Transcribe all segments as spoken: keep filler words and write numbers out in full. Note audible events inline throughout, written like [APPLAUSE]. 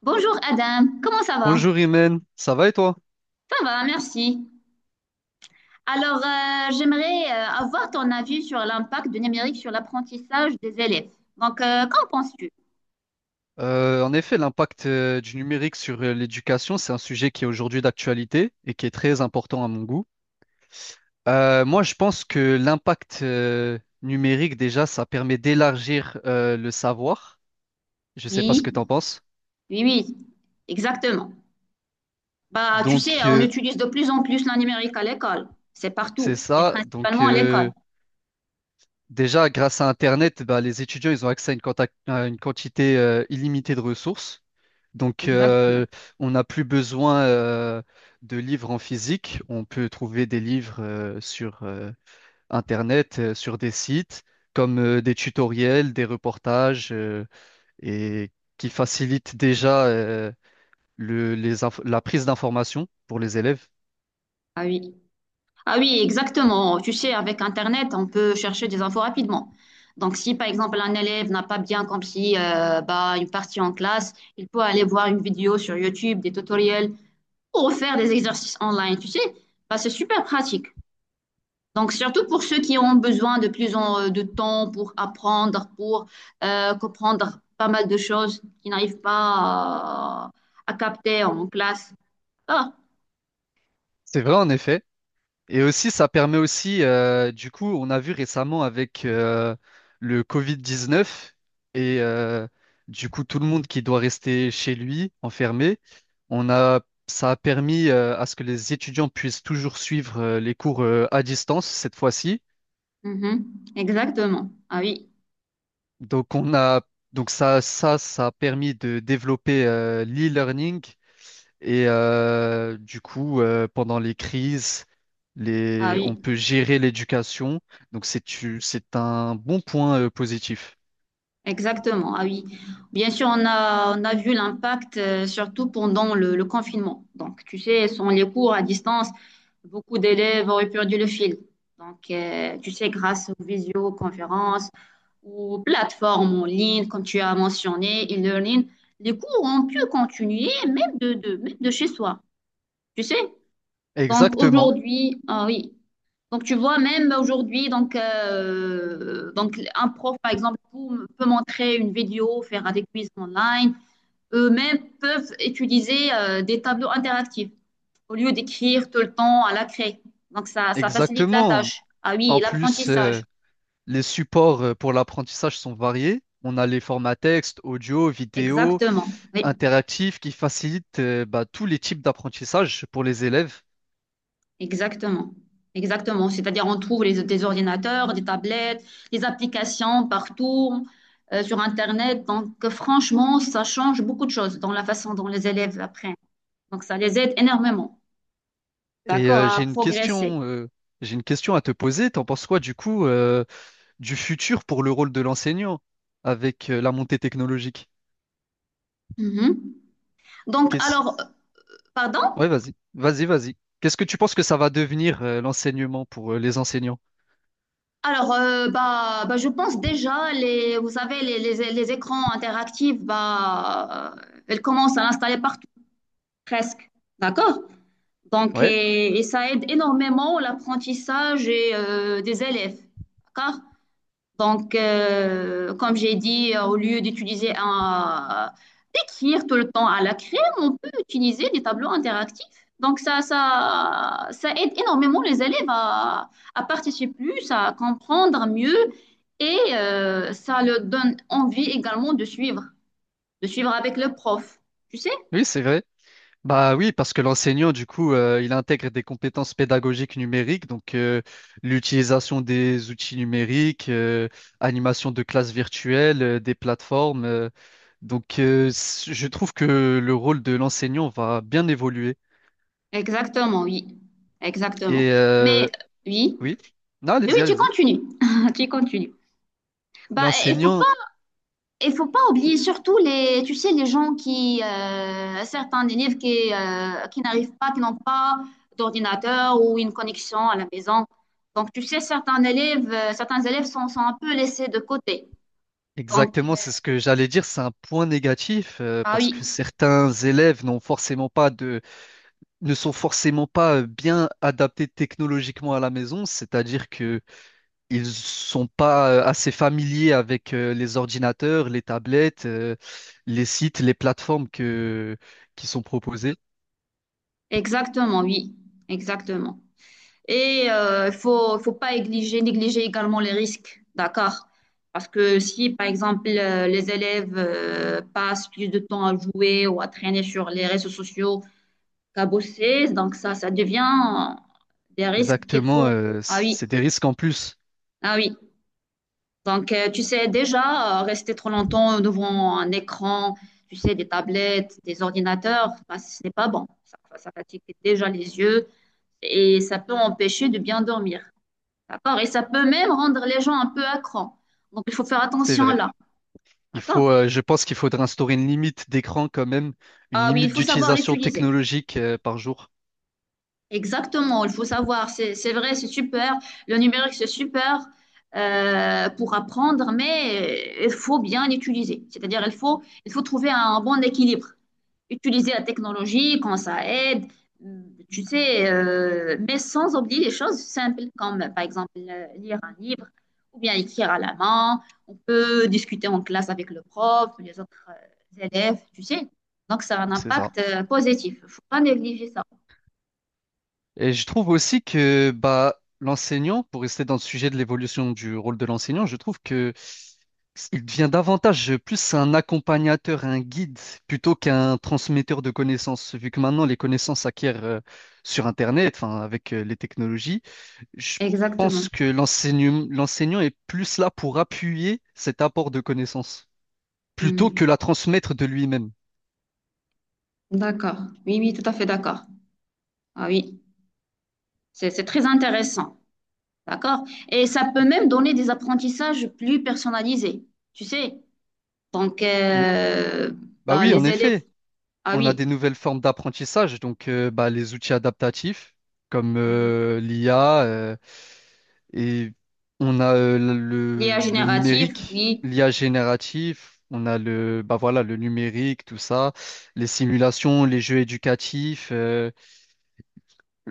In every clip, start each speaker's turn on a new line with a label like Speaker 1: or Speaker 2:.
Speaker 1: Bonjour Adam, comment ça va?
Speaker 2: Bonjour Imen, ça va et toi?
Speaker 1: Ça va, merci. Alors, euh, j'aimerais euh, avoir ton avis sur l'impact du numérique sur l'apprentissage des élèves. Donc, euh, qu'en penses-tu?
Speaker 2: Euh, en effet, l'impact euh, du numérique sur euh, l'éducation, c'est un sujet qui est aujourd'hui d'actualité et qui est très important à mon goût. Euh, moi, je pense que l'impact euh, numérique, déjà, ça permet d'élargir euh, le savoir. Je ne sais pas ce que
Speaker 1: Oui,
Speaker 2: tu en penses.
Speaker 1: oui, oui, exactement. Bah, tu
Speaker 2: Donc,
Speaker 1: sais, on
Speaker 2: euh,
Speaker 1: utilise de plus en plus le numérique à l'école. C'est
Speaker 2: c'est
Speaker 1: partout, et
Speaker 2: ça. Donc,
Speaker 1: principalement à l'école.
Speaker 2: euh, déjà, grâce à Internet, bah, les étudiants, ils ont accès à une, quanta- à une quantité euh, illimitée de ressources. Donc,
Speaker 1: Exactement.
Speaker 2: euh, on n'a plus besoin euh, de livres en physique. On peut trouver des livres euh, sur euh, Internet, euh, sur des sites, comme euh, des tutoriels, des reportages, euh, et qui facilitent déjà euh, le- les inf- la prise d'informations pour les élèves.
Speaker 1: Ah oui. Ah oui, exactement. Tu sais, avec Internet, on peut chercher des infos rapidement. Donc, si par exemple un élève n'a pas bien compris euh, bah, une partie en classe, il peut aller voir une vidéo sur YouTube, des tutoriels ou faire des exercices online. Tu sais, bah, c'est super pratique. Donc, surtout pour ceux qui ont besoin de plus en, euh, de temps pour apprendre, pour euh, comprendre pas mal de choses qu'ils n'arrivent pas à, à capter en classe. Ah,
Speaker 2: C'est vrai, en effet. Et aussi, ça permet aussi, euh, du coup, on a vu récemment avec euh, le covid dix-neuf et euh, du coup tout le monde qui doit rester chez lui, enfermé, on a, ça a permis euh, à ce que les étudiants puissent toujours suivre euh, les cours euh, à distance cette fois-ci.
Speaker 1: mhm, exactement. Ah oui,
Speaker 2: Donc on a, donc ça, ça, ça a permis de développer euh, l'e-learning. Et euh, du coup, euh, pendant les crises,
Speaker 1: ah
Speaker 2: les... on
Speaker 1: oui.
Speaker 2: peut gérer l'éducation. Donc, c'est u- c'est un bon point euh, positif.
Speaker 1: Exactement, ah oui. Bien sûr, on a, on a vu l'impact, euh, surtout pendant le, le confinement. Donc, tu sais, sans les cours à distance, beaucoup d'élèves auraient perdu le fil. Donc, euh, tu sais, grâce aux visioconférences ou plateformes en ligne, comme tu as mentionné, e-learning, les cours ont pu continuer même de, de, même de chez soi, tu sais. Donc,
Speaker 2: Exactement,
Speaker 1: aujourd'hui, ah oui, donc, tu vois, même aujourd'hui, donc, euh, donc, un prof, par exemple, peut peut montrer une vidéo, faire des quiz online. Eux-mêmes peuvent utiliser euh, des tableaux interactifs au lieu d'écrire tout le temps à la craie. Donc, ça, ça facilite la
Speaker 2: exactement.
Speaker 1: tâche. Ah oui, et
Speaker 2: En plus, euh,
Speaker 1: l'apprentissage.
Speaker 2: les supports euh, pour l'apprentissage sont variés. On a les formats texte, audio, vidéo,
Speaker 1: Exactement. Oui,
Speaker 2: interactifs qui facilitent euh, bah, tous les types d'apprentissage pour les élèves.
Speaker 1: exactement. Exactement. C'est-à-dire, on trouve les, des ordinateurs, des tablettes, des applications partout euh, sur Internet. Donc, franchement, ça change beaucoup de choses dans la façon dont les élèves apprennent. Donc, ça les aide énormément,
Speaker 2: Et
Speaker 1: d'accord,
Speaker 2: euh, j'ai
Speaker 1: à
Speaker 2: une
Speaker 1: progresser.
Speaker 2: question, euh, j'ai une question à te poser. T'en penses quoi du coup? Euh, du futur pour le rôle de l'enseignant avec euh, la montée technologique.
Speaker 1: Mhm. Donc,
Speaker 2: Qu'est-ce...
Speaker 1: alors, euh, pardon?
Speaker 2: Ouais, vas-y, vas-y, vas-y. Qu'est-ce que tu penses que ça va devenir euh, l'enseignement pour euh, les enseignants?
Speaker 1: Alors, euh, bah, bah, je pense déjà, les, vous savez, les, les- les écrans interactifs, bah, euh, ils commencent à l'installer partout, presque, d'accord? Donc,
Speaker 2: Ouais,
Speaker 1: et, et ça aide énormément l'apprentissage et, euh, des élèves, d'accord? Donc, euh, comme j'ai dit, euh, au lieu d'utiliser un, euh, d'écrire tout le temps à la crème, on peut utiliser des tableaux interactifs. Donc, ça, ça, ça aide énormément les élèves à, à participer plus, à comprendre mieux et euh, ça leur donne envie également de suivre, de suivre avec le prof. Tu sais?
Speaker 2: oui, c'est vrai. Bah oui, parce que l'enseignant, du coup, euh, il intègre des compétences pédagogiques numériques, donc euh, l'utilisation des outils numériques, euh, animation de classes virtuelles, euh, des plateformes. Euh, donc, euh, c- je trouve que le rôle de l'enseignant va bien évoluer.
Speaker 1: Exactement, oui. Exactement.
Speaker 2: Et euh,
Speaker 1: Mais oui,
Speaker 2: oui, non,
Speaker 1: oui, oui,
Speaker 2: allez-y,
Speaker 1: tu
Speaker 2: allez-y.
Speaker 1: continues. [LAUGHS] Tu continues. Bah, il faut
Speaker 2: L'enseignant,
Speaker 1: Il faut pas oublier surtout les, tu sais, les gens qui, euh, certains élèves qui, euh, qui n'arrivent pas, qui n'ont pas d'ordinateur ou une connexion à la maison. Donc, tu sais, certains élèves, euh, certains élèves sont, sont un peu laissés de côté. Donc, euh,
Speaker 2: exactement, c'est ce que j'allais dire, c'est un point négatif euh,
Speaker 1: ah
Speaker 2: parce
Speaker 1: oui,
Speaker 2: que certains élèves n'ont forcément pas de, ne sont forcément pas euh, bien adaptés technologiquement à la maison, c'est-à-dire que ils sont pas euh, assez familiers avec euh, les ordinateurs, les tablettes, euh, les sites, les plateformes que, qui sont proposées.
Speaker 1: exactement, oui, exactement. Et euh, il faut, il faut pas négliger, négliger également les risques, d'accord? Parce que si, par exemple, euh, les élèves euh, passent plus de temps à jouer ou à traîner sur les réseaux sociaux, cabossé. Donc, ça, ça devient des risques qu'il
Speaker 2: Exactement,
Speaker 1: faut.
Speaker 2: euh,
Speaker 1: Ah oui,
Speaker 2: c'est des risques en plus,
Speaker 1: ah oui. Donc, euh, tu sais, déjà, euh, rester trop longtemps devant un écran, tu sais, des tablettes, des ordinateurs, bah, ce n'est pas bon. Ça, ça fatigue déjà les yeux et ça peut empêcher de bien dormir. D'accord? Et ça peut même rendre les gens un peu accros. Donc, il faut faire
Speaker 2: c'est
Speaker 1: attention
Speaker 2: vrai.
Speaker 1: là.
Speaker 2: Il
Speaker 1: D'accord?
Speaker 2: faut, euh, je pense qu'il faudrait instaurer une limite d'écran quand même, une
Speaker 1: Ah oui, il
Speaker 2: limite
Speaker 1: faut savoir
Speaker 2: d'utilisation
Speaker 1: l'utiliser.
Speaker 2: technologique euh, par jour.
Speaker 1: Exactement, il faut savoir, c'est c'est vrai, c'est super, le numérique c'est super euh, pour apprendre, mais il faut bien l'utiliser. C'est-à-dire, il faut, il faut trouver un bon équilibre. Utiliser la technologie quand ça aide, tu sais, euh, mais sans oublier les choses simples comme par exemple euh, lire un livre ou bien écrire à la main. On peut discuter en classe avec le prof, les autres euh, élèves, tu sais. Donc ça a un
Speaker 2: C'est ça.
Speaker 1: impact euh, positif. Il ne faut pas négliger ça.
Speaker 2: Et je trouve aussi que bah, l'enseignant, pour rester dans le sujet de l'évolution du rôle de l'enseignant, je trouve que il devient davantage plus un accompagnateur, un guide, plutôt qu'un transmetteur de connaissances, vu que maintenant les connaissances s'acquièrent euh, sur Internet, enfin avec euh, les technologies. Je
Speaker 1: Exactement.
Speaker 2: pense que l'enseignant, l'enseignant est plus là pour appuyer cet apport de connaissances, plutôt
Speaker 1: Hmm.
Speaker 2: que la transmettre de lui-même.
Speaker 1: D'accord. Oui, oui, tout à fait d'accord. Ah oui, c'est c'est très intéressant. D'accord. Et ça peut même donner des apprentissages plus personnalisés. Tu sais, donc
Speaker 2: Ou-
Speaker 1: euh,
Speaker 2: Bah
Speaker 1: bah,
Speaker 2: oui, en
Speaker 1: les élèves.
Speaker 2: effet,
Speaker 1: Ah
Speaker 2: on a
Speaker 1: oui.
Speaker 2: des nouvelles formes d'apprentissage, donc euh, bah, les outils adaptatifs, comme
Speaker 1: Mhm.
Speaker 2: euh, l'I A, euh, et on a euh,
Speaker 1: L'I A
Speaker 2: le, le
Speaker 1: générative,
Speaker 2: numérique,
Speaker 1: oui.
Speaker 2: l'I A génératif, on a le, bah voilà, le numérique, tout ça, les simulations, les jeux éducatifs. euh,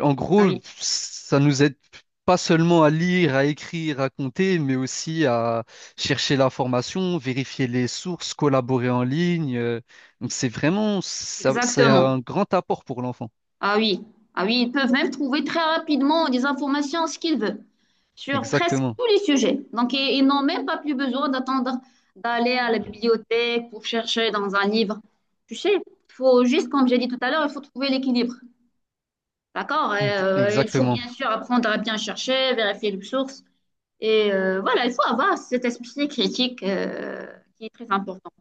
Speaker 2: En
Speaker 1: Ah
Speaker 2: gros,
Speaker 1: oui,
Speaker 2: ça nous aide pas seulement à lire, à écrire, à compter, mais aussi à chercher l'information, vérifier les sources, collaborer en ligne. euh, Donc c'est vraiment, ça- c'est
Speaker 1: exactement.
Speaker 2: un grand apport pour l'enfant.
Speaker 1: Ah oui, ah oui, ils peuvent même trouver très rapidement des informations, ce qu'ils veulent, sur presque
Speaker 2: Exactement.
Speaker 1: tous les sujets. Donc, i- ils n'ont même pas plus besoin d'attendre d'aller à la bibliothèque pour chercher dans un livre. Tu sais, il faut juste, comme j'ai dit tout à l'heure, il faut trouver l'équilibre. D'accord? Et,
Speaker 2: Donc,
Speaker 1: euh, il faut
Speaker 2: exactement.
Speaker 1: bien sûr apprendre à bien chercher, vérifier les sources. Et euh, voilà, il faut avoir cet esprit critique euh, qui est très important.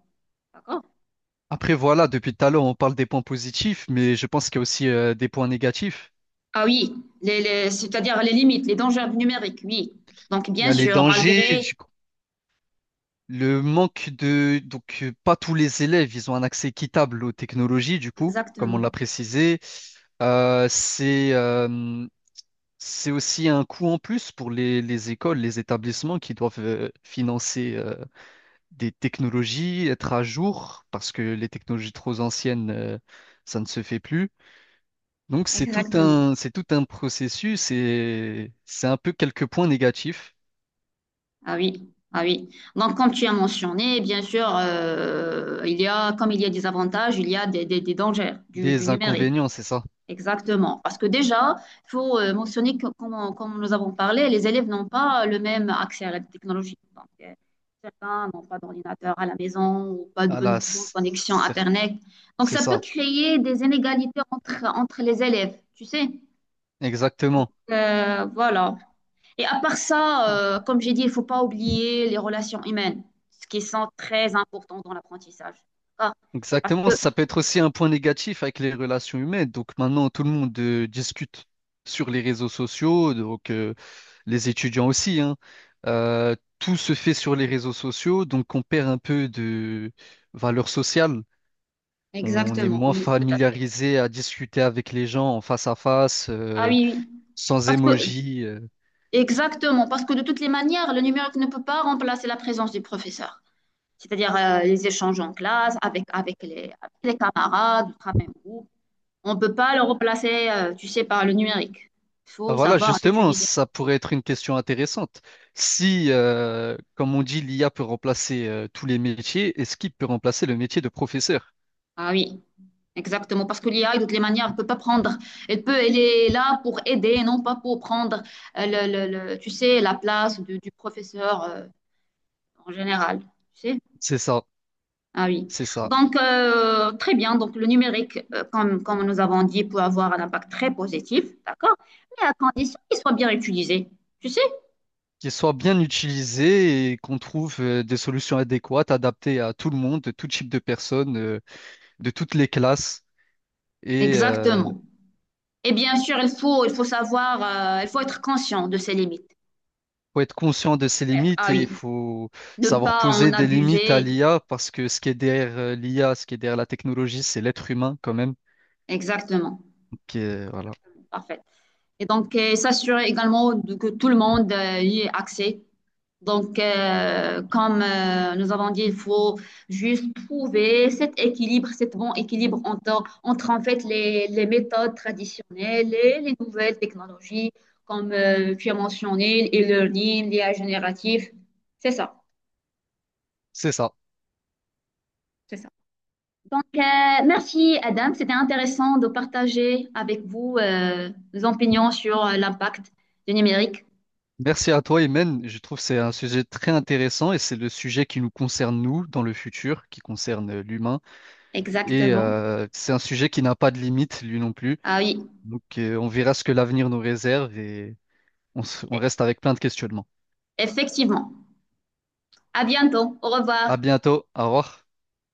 Speaker 1: D'accord?
Speaker 2: Après, voilà, depuis tout à l'heure, on parle des points positifs, mais je pense qu'il y a aussi euh, des points négatifs.
Speaker 1: Ah oui, les- les- c'est-à-dire les limites, les dangers numériques, oui. Donc,
Speaker 2: Il y
Speaker 1: bien
Speaker 2: a les
Speaker 1: sûr,
Speaker 2: dangers,
Speaker 1: malgré
Speaker 2: du Le manque de... Donc, euh, pas tous les élèves, ils ont un accès équitable aux technologies, du coup, comme on
Speaker 1: exactement,
Speaker 2: l'a précisé. Euh, c'est euh, c'est aussi un coût en plus pour les, les écoles, les établissements qui doivent euh, financer euh, des technologies, être à jour, parce que les technologies trop anciennes, euh, ça ne se fait plus. Donc c'est tout
Speaker 1: exactement.
Speaker 2: un, c'est tout un processus et c'est un peu quelques points négatifs,
Speaker 1: Ah oui, ah oui. Donc, comme tu as mentionné, bien sûr, euh, il y a, comme il y a des avantages, il y a des, des- des dangers du, du
Speaker 2: des
Speaker 1: numérique.
Speaker 2: inconvénients, c'est ça.
Speaker 1: Exactement. Parce que déjà, il faut euh, mentionner que, comme, on- comme nous avons parlé, les élèves n'ont pas le même accès à la technologie. Donc, euh, certains n'ont pas d'ordinateur à la maison ou pas de
Speaker 2: À
Speaker 1: bonne,
Speaker 2: la,
Speaker 1: bonne connexion
Speaker 2: cer-
Speaker 1: Internet. Donc,
Speaker 2: c'est
Speaker 1: ça peut
Speaker 2: ça.
Speaker 1: créer des inégalités entre, entre les élèves, tu sais.
Speaker 2: Exactement.
Speaker 1: Euh, voilà. Et à part ça,
Speaker 2: Ouais.
Speaker 1: euh, comme j'ai dit, il faut pas oublier les relations humaines, ce qui sont très important dans l'apprentissage. Ah, parce
Speaker 2: Exactement.
Speaker 1: que,
Speaker 2: Ça peut être aussi un point négatif avec les relations humaines. Donc maintenant, tout le monde euh, discute sur les réseaux sociaux, donc euh, les étudiants aussi, hein. Euh, tout se fait sur les réseaux sociaux, donc on perd un peu de valeur sociale. On est
Speaker 1: exactement,
Speaker 2: moins
Speaker 1: oui.
Speaker 2: familiarisé à discuter avec les gens en face à face,
Speaker 1: Ah
Speaker 2: euh,
Speaker 1: oui, oui.
Speaker 2: sans
Speaker 1: Parce que,
Speaker 2: émoji. euh,
Speaker 1: exactement, parce que de toutes les manières, le numérique ne peut pas remplacer la présence du professeur. C'est-à-dire euh, les échanges en classe, avec, avec les, avec les camarades, du travail en groupe. On ne peut pas le remplacer, euh, tu sais, par le numérique. Il
Speaker 2: Ah,
Speaker 1: faut
Speaker 2: voilà,
Speaker 1: savoir
Speaker 2: justement,
Speaker 1: l'utiliser.
Speaker 2: ça pourrait être une question intéressante. Si, euh, comme on dit, l'I A peut remplacer euh, tous les métiers, est-ce qu'il peut remplacer le métier de professeur?
Speaker 1: Ah oui. Exactement, parce que l'I A, de toutes les manières, elle peut pas prendre. Elle peut, elle est là pour aider, non pas pour prendre, euh, le, le- le- tu sais, la place de- du professeur euh, en général. Tu sais?
Speaker 2: C'est ça,
Speaker 1: Ah oui.
Speaker 2: c'est ça.
Speaker 1: Donc, euh, très bien. Donc, le numérique, euh, comme, comme nous avons dit, peut avoir un impact très positif, d'accord? Mais à condition qu'il soit bien utilisé. Tu sais?
Speaker 2: Qu'il soit bien utilisé et qu'on trouve euh, des solutions adéquates, adaptées à tout le monde, de tout type de personnes, euh, de toutes les classes. Et il
Speaker 1: Exactement. Et bien sûr, il faut, il faut savoir, euh, il faut être conscient de ses limites.
Speaker 2: faut être conscient de ses
Speaker 1: Ah
Speaker 2: limites et
Speaker 1: oui.
Speaker 2: il faut
Speaker 1: Ne
Speaker 2: savoir
Speaker 1: pas en
Speaker 2: poser des limites à
Speaker 1: abuser.
Speaker 2: l'I A parce que ce qui est derrière euh, l'I A, ce qui est derrière la technologie, c'est l'être humain quand même.
Speaker 1: Exactement.
Speaker 2: Qui est- voilà.
Speaker 1: Parfait. Et donc, euh, s'assurer également de- que tout le monde euh, y ait accès. Donc, euh, comme euh, nous avons dit, il faut juste trouver cet équilibre, cet bon équilibre entre, entre en fait les, les méthodes traditionnelles et les nouvelles technologies, comme euh, tu as mentionné, e-learning, l'I A génératif. C'est ça,
Speaker 2: C'est ça.
Speaker 1: c'est ça. Donc, euh, merci Adam, c'était intéressant de partager avec vous euh, nos opinions sur euh, l'impact du numérique.
Speaker 2: Merci à toi, Imen. Je trouve que c'est un sujet très intéressant et c'est le sujet qui nous concerne, nous, dans le futur, qui concerne euh, l'humain. Et
Speaker 1: Exactement.
Speaker 2: euh, c'est un sujet qui n'a pas de limite, lui non plus.
Speaker 1: Ah oui,
Speaker 2: Donc, euh, on verra ce que l'avenir nous réserve et on, se- on
Speaker 1: e-,
Speaker 2: reste avec plein de questionnements.
Speaker 1: effectivement. À bientôt. Au revoir.
Speaker 2: À bientôt. Au revoir.